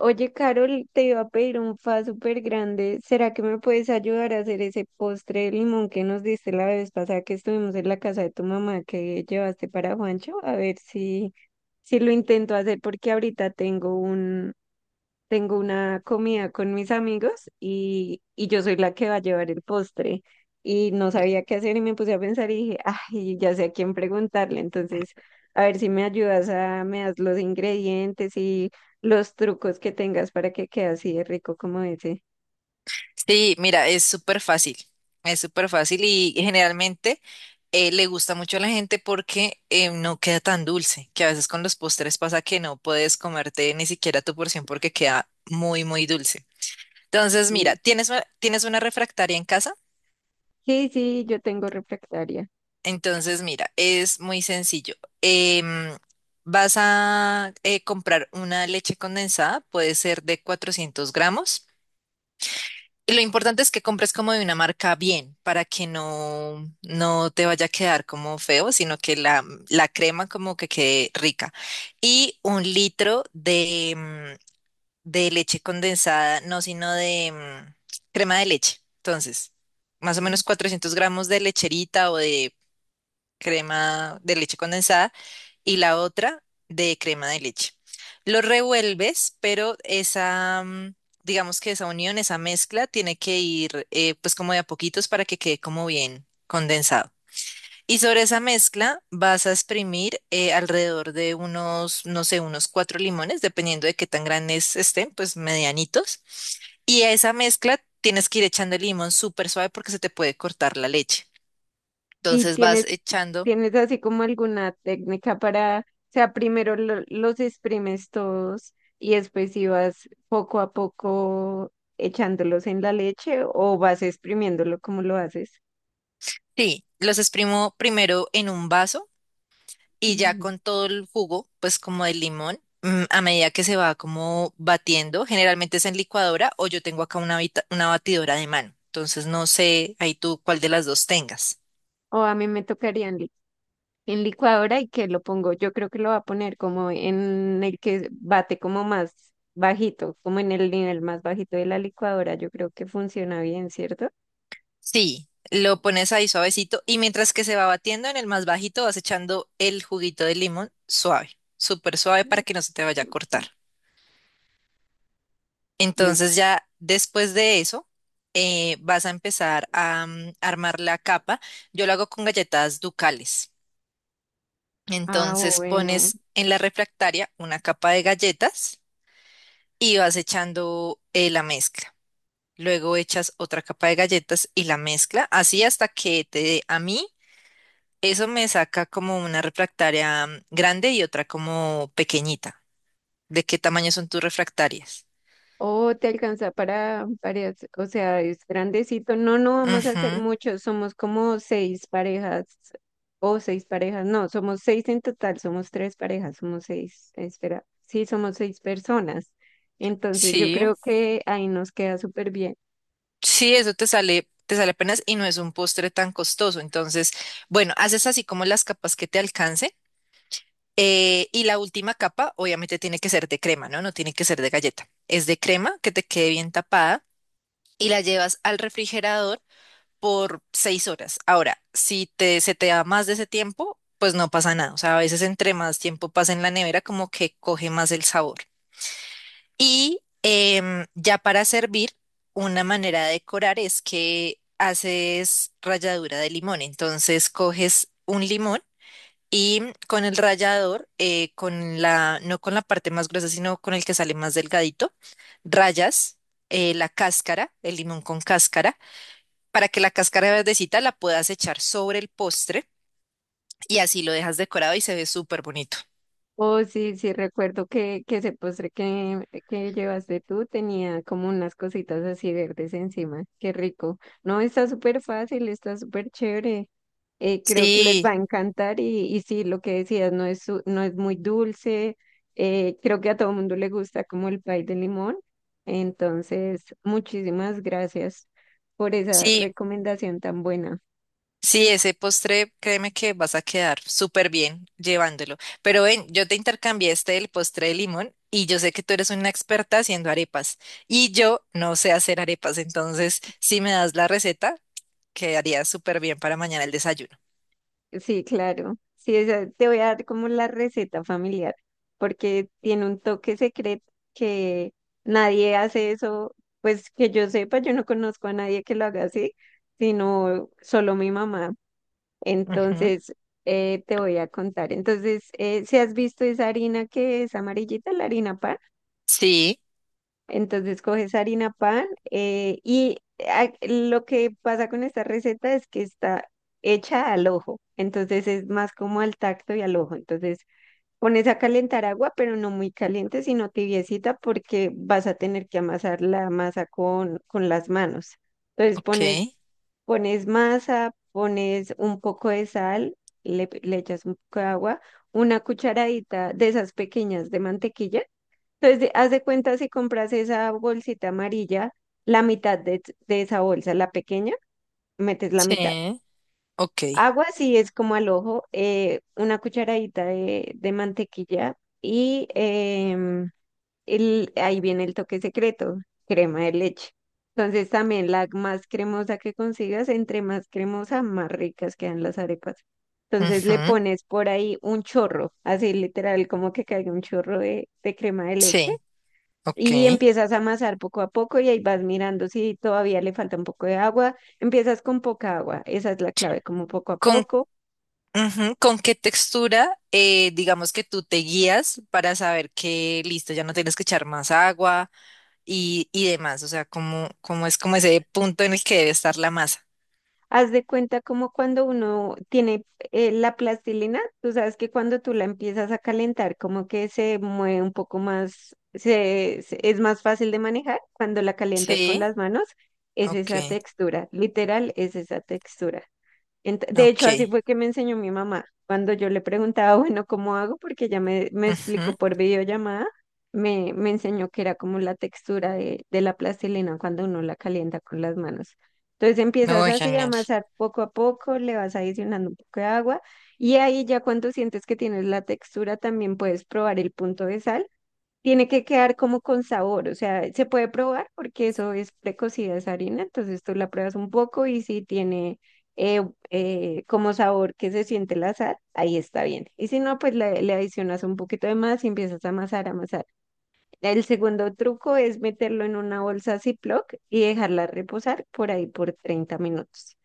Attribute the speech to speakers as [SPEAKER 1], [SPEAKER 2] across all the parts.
[SPEAKER 1] Oye, Carol, te iba a pedir un fa súper grande. ¿Será que me puedes ayudar a hacer ese postre de limón que nos diste la vez pasada que estuvimos en la casa de tu mamá que llevaste para Juancho? A ver si lo intento hacer porque ahorita tengo una comida con mis amigos y yo soy la que va a llevar el postre. Y no sabía qué hacer y me puse a pensar y dije, ay, ya sé a quién preguntarle. Entonces, a ver si me ayudas a, me das los ingredientes y los trucos que tengas para que quede así de rico como ese.
[SPEAKER 2] Sí, mira, es súper fácil y generalmente le gusta mucho a la gente porque no queda tan dulce, que a veces con los postres pasa que no puedes comerte ni siquiera tu porción porque queda muy, muy dulce. Entonces, mira,
[SPEAKER 1] Sí.
[SPEAKER 2] ¿tienes una refractaria en casa?
[SPEAKER 1] Sí, yo tengo refractaria.
[SPEAKER 2] Entonces, mira, es muy sencillo. Em, Vas a comprar una leche condensada, puede ser de 400 gramos. Y lo importante es que compres como de una marca bien, para que no te vaya a quedar como feo, sino que la crema como que quede rica. Y un litro de leche condensada, no, sino de crema de leche. Entonces, más o menos 400 gramos de lecherita o de crema de leche condensada y la otra de crema de leche. Lo revuelves, pero esa, digamos que esa unión, esa mezcla tiene que ir pues como de a poquitos para que quede como bien condensado. Y sobre esa mezcla vas a exprimir alrededor de unos, no sé, unos cuatro limones, dependiendo de qué tan grandes estén, pues medianitos. Y a esa mezcla tienes que ir echando el limón súper suave porque se te puede cortar la leche.
[SPEAKER 1] ¿Y
[SPEAKER 2] Entonces vas echando.
[SPEAKER 1] tienes así como alguna técnica para, o sea, primero los exprimes todos y después si vas poco a poco echándolos en la leche o vas exprimiéndolo como lo haces?
[SPEAKER 2] Sí, los exprimo primero en un vaso y ya
[SPEAKER 1] Mm.
[SPEAKER 2] con todo el jugo, pues como del limón, a medida que se va como batiendo, generalmente es en licuadora o yo tengo acá una batidora de mano. Entonces no sé ahí tú cuál de las dos tengas.
[SPEAKER 1] O a mí me tocaría en licuadora y que lo pongo, yo creo que lo va a poner como en el que bate como más bajito, como en el nivel más bajito de la licuadora, yo creo que funciona bien, ¿cierto?
[SPEAKER 2] Sí, lo pones ahí suavecito y mientras que se va batiendo en el más bajito vas echando el juguito de limón suave, súper suave para
[SPEAKER 1] Mm.
[SPEAKER 2] que no se te vaya a cortar. Entonces
[SPEAKER 1] Listo.
[SPEAKER 2] ya después de eso, vas a empezar a armar la capa. Yo lo hago con galletas ducales.
[SPEAKER 1] Ah,
[SPEAKER 2] Entonces
[SPEAKER 1] bueno.
[SPEAKER 2] pones en la refractaria una capa de galletas y vas echando la mezcla. Luego echas otra capa de galletas y la mezcla, así hasta que te dé. A mí eso me saca como una refractaria grande y otra como pequeñita. ¿De qué tamaño son tus refractarias?
[SPEAKER 1] Oh, te alcanza para parejas, o sea, es grandecito. No, no vamos a hacer
[SPEAKER 2] Ujú.
[SPEAKER 1] muchos, somos como seis parejas o seis parejas, no, somos seis en total, somos tres parejas, somos seis, espera, sí, somos seis personas. Entonces yo
[SPEAKER 2] Sí.
[SPEAKER 1] creo que ahí nos queda súper bien.
[SPEAKER 2] Sí, eso te sale apenas y no es un postre tan costoso. Entonces, bueno, haces así como las capas que te alcance. Y la última capa, obviamente, tiene que ser de crema, ¿no? No tiene que ser de galleta. Es de crema que te quede bien tapada y la llevas al refrigerador por 6 horas. Ahora, si te, se te da más de ese tiempo, pues no pasa nada. O sea, a veces entre más tiempo pasa en la nevera, como que coge más el sabor. Y ya para servir, una manera de decorar es que haces ralladura de limón. Entonces coges un limón y con el rallador, con la, no con la parte más gruesa, sino con el que sale más delgadito, rayas la cáscara, el limón con cáscara, para que la cáscara verdecita la puedas echar sobre el postre y así lo dejas decorado y se ve súper bonito.
[SPEAKER 1] Oh, sí, recuerdo que ese postre que llevaste tú tenía como unas cositas así verdes encima. Qué rico. No, está súper fácil, está súper chévere. Creo que les va
[SPEAKER 2] Sí,
[SPEAKER 1] a encantar y sí, lo que decías, no es, no es muy dulce. Creo que a todo mundo le gusta como el pay de limón. Entonces, muchísimas gracias por esa
[SPEAKER 2] sí,
[SPEAKER 1] recomendación tan buena.
[SPEAKER 2] sí, ese postre, créeme que vas a quedar súper bien llevándolo. Pero ven, yo te intercambié el postre de limón y yo sé que tú eres una experta haciendo arepas y yo no sé hacer arepas, entonces si me das la receta, quedaría súper bien para mañana el desayuno.
[SPEAKER 1] Sí, claro. Sí, esa, te voy a dar como la receta familiar, porque tiene un toque secreto que nadie hace eso, pues que yo sepa, yo no conozco a nadie que lo haga así, sino solo mi mamá.
[SPEAKER 2] Ujú.
[SPEAKER 1] Entonces, te voy a contar. Entonces, si has visto esa harina que es amarillita, la harina pan.
[SPEAKER 2] Sí,
[SPEAKER 1] Entonces coges harina pan y lo que pasa con esta receta es que está hecha al ojo, entonces es más como al tacto y al ojo. Entonces pones a calentar agua, pero no muy caliente, sino tibiecita porque vas a tener que amasar la masa con las manos. Entonces
[SPEAKER 2] ok.
[SPEAKER 1] pones masa, pones un poco de sal, le echas un poco de agua, una cucharadita de esas pequeñas de mantequilla entonces, haz de cuenta si compras esa bolsita amarilla, la mitad de esa bolsa, la pequeña, metes la mitad.
[SPEAKER 2] Sí, ok.
[SPEAKER 1] Agua, si es como al ojo, una cucharadita de mantequilla y ahí viene el toque secreto, crema de leche. Entonces, también la más cremosa que consigas, entre más cremosa, más ricas quedan las arepas. Entonces, le
[SPEAKER 2] Ujú.
[SPEAKER 1] pones por ahí un chorro, así literal, como que caiga un chorro de crema de leche
[SPEAKER 2] Sí,
[SPEAKER 1] y
[SPEAKER 2] ok.
[SPEAKER 1] empiezas a amasar poco a poco y ahí vas mirando si todavía le falta un poco de agua. Empiezas con poca agua, esa es la clave, como poco a
[SPEAKER 2] ¿Con
[SPEAKER 1] poco.
[SPEAKER 2] Ujú. ¿Con qué textura, digamos que tú te guías para saber que listo, ya no tienes que echar más agua y demás? O sea, ¿cómo es como ese punto en el que debe estar la masa?
[SPEAKER 1] Haz de cuenta como cuando uno tiene la plastilina, tú sabes que cuando tú la empiezas a calentar, como que se mueve un poco más, es más fácil de manejar cuando la calientas con
[SPEAKER 2] Sí,
[SPEAKER 1] las manos, es
[SPEAKER 2] ok,
[SPEAKER 1] esa textura, literal, es esa textura. De
[SPEAKER 2] ok.
[SPEAKER 1] hecho, así fue que me enseñó mi mamá. Cuando yo le preguntaba, bueno, ¿cómo hago? Porque ella me
[SPEAKER 2] Ujú.
[SPEAKER 1] explicó por videollamada, me enseñó que era como la textura de la plastilina cuando uno la calienta con las manos. Entonces empiezas
[SPEAKER 2] No,
[SPEAKER 1] así a
[SPEAKER 2] genial.
[SPEAKER 1] amasar poco a poco, le vas adicionando un poco de agua y ahí ya cuando sientes que tienes la textura también puedes probar el punto de sal tiene que quedar como con sabor, o sea, se puede probar porque eso es precocida esa harina, entonces tú la pruebas un poco y si tiene eh, como sabor que se siente la sal, ahí está bien. Y si no, pues le adicionas un poquito de más y empiezas a amasar, amasar. El segundo truco es meterlo en una bolsa Ziploc y dejarla reposar por ahí por 30 minutos.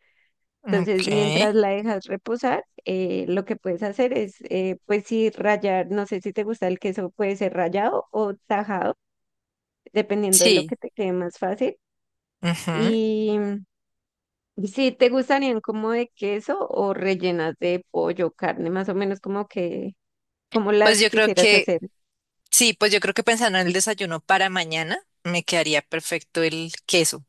[SPEAKER 1] Entonces,
[SPEAKER 2] Ok,
[SPEAKER 1] mientras la dejas reposar, lo que puedes hacer es, pues sí, rallar, no sé si te gusta el queso, puede ser rallado o tajado, dependiendo de lo
[SPEAKER 2] sí.
[SPEAKER 1] que te quede más fácil.
[SPEAKER 2] Ujú.
[SPEAKER 1] Y si te gustarían como de queso o rellenas de pollo, carne, más o menos como como
[SPEAKER 2] Pues
[SPEAKER 1] las
[SPEAKER 2] yo creo
[SPEAKER 1] quisieras
[SPEAKER 2] que,
[SPEAKER 1] hacer.
[SPEAKER 2] sí, pues yo creo que pensando en el desayuno para mañana, me quedaría perfecto el queso.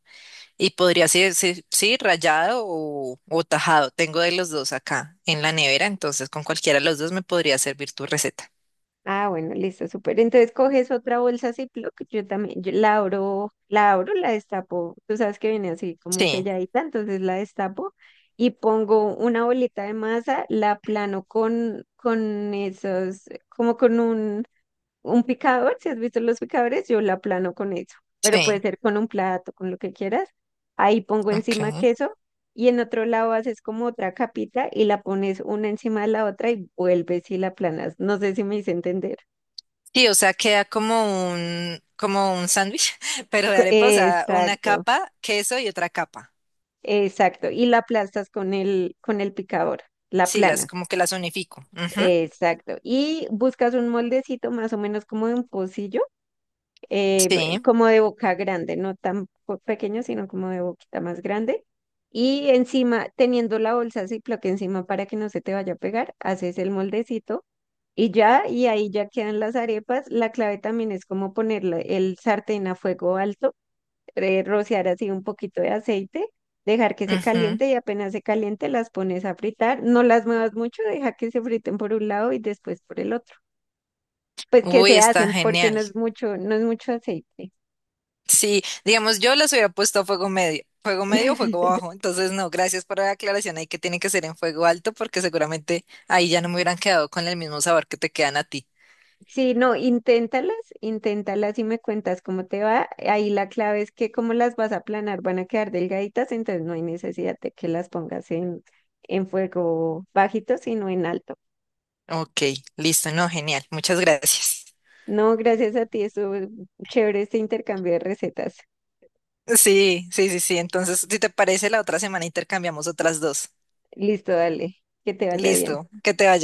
[SPEAKER 2] Y podría ser, sí, sí, rallado o tajado. Tengo de los dos acá en la nevera, entonces con cualquiera de los dos me podría servir tu receta.
[SPEAKER 1] Ah, bueno, listo, súper. Entonces coges otra bolsa Ziploc, yo también, yo la abro, la abro, la destapo. Tú sabes que viene así como
[SPEAKER 2] Sí,
[SPEAKER 1] selladita, entonces la destapo y pongo una bolita de masa, la plano con esos, como con un picador, si has visto los picadores, yo la aplano con eso, pero puede
[SPEAKER 2] sí,
[SPEAKER 1] ser con un plato, con lo que quieras. Ahí pongo encima
[SPEAKER 2] ok.
[SPEAKER 1] queso y en otro lado haces como otra capita y la pones una encima de la otra y vuelves y la aplanas. No sé si me hice entender.
[SPEAKER 2] Sí, o sea, queda como un sándwich, pero de arepa, o sea, una
[SPEAKER 1] Exacto,
[SPEAKER 2] capa, queso y otra capa.
[SPEAKER 1] exacto. Y la aplastas con el picador, la
[SPEAKER 2] Sí, las
[SPEAKER 1] plana.
[SPEAKER 2] como que las unifico. Ujú.
[SPEAKER 1] Exacto. Y buscas un moldecito más o menos como de un pocillo
[SPEAKER 2] Sí.
[SPEAKER 1] como de boca grande, no tan pequeño, sino como de boquita más grande. Y encima, teniendo la bolsa Ziploc encima para que no se te vaya a pegar, haces el moldecito y ya, y ahí ya quedan las arepas. La clave también es como ponerle el sartén a fuego alto, rociar así un poquito de aceite, dejar que se
[SPEAKER 2] Ujú.
[SPEAKER 1] caliente y apenas se caliente las pones a fritar. No las muevas mucho, deja que se friten por un lado y después por el otro. Pues que
[SPEAKER 2] Uy,
[SPEAKER 1] se
[SPEAKER 2] está
[SPEAKER 1] hacen porque no
[SPEAKER 2] genial.
[SPEAKER 1] es mucho, no es mucho aceite.
[SPEAKER 2] Sí, digamos, yo les hubiera puesto fuego medio o fuego bajo, entonces no, gracias por la aclaración ahí que tiene que ser en fuego alto porque seguramente ahí ya no me hubieran quedado con el mismo sabor que te quedan a ti.
[SPEAKER 1] Sí, no, inténtalas, inténtalas y me cuentas cómo te va. Ahí la clave es que como las vas a planar, van a quedar delgaditas, entonces no hay necesidad de que las pongas en fuego bajito, sino en alto.
[SPEAKER 2] Ok, listo, no, genial, muchas gracias.
[SPEAKER 1] No, gracias a ti, eso chévere este intercambio de recetas.
[SPEAKER 2] Sí, sí, sí, sí, entonces si te parece la otra semana intercambiamos otras dos.
[SPEAKER 1] Listo, dale, que te vaya bien.
[SPEAKER 2] Listo, que te vaya.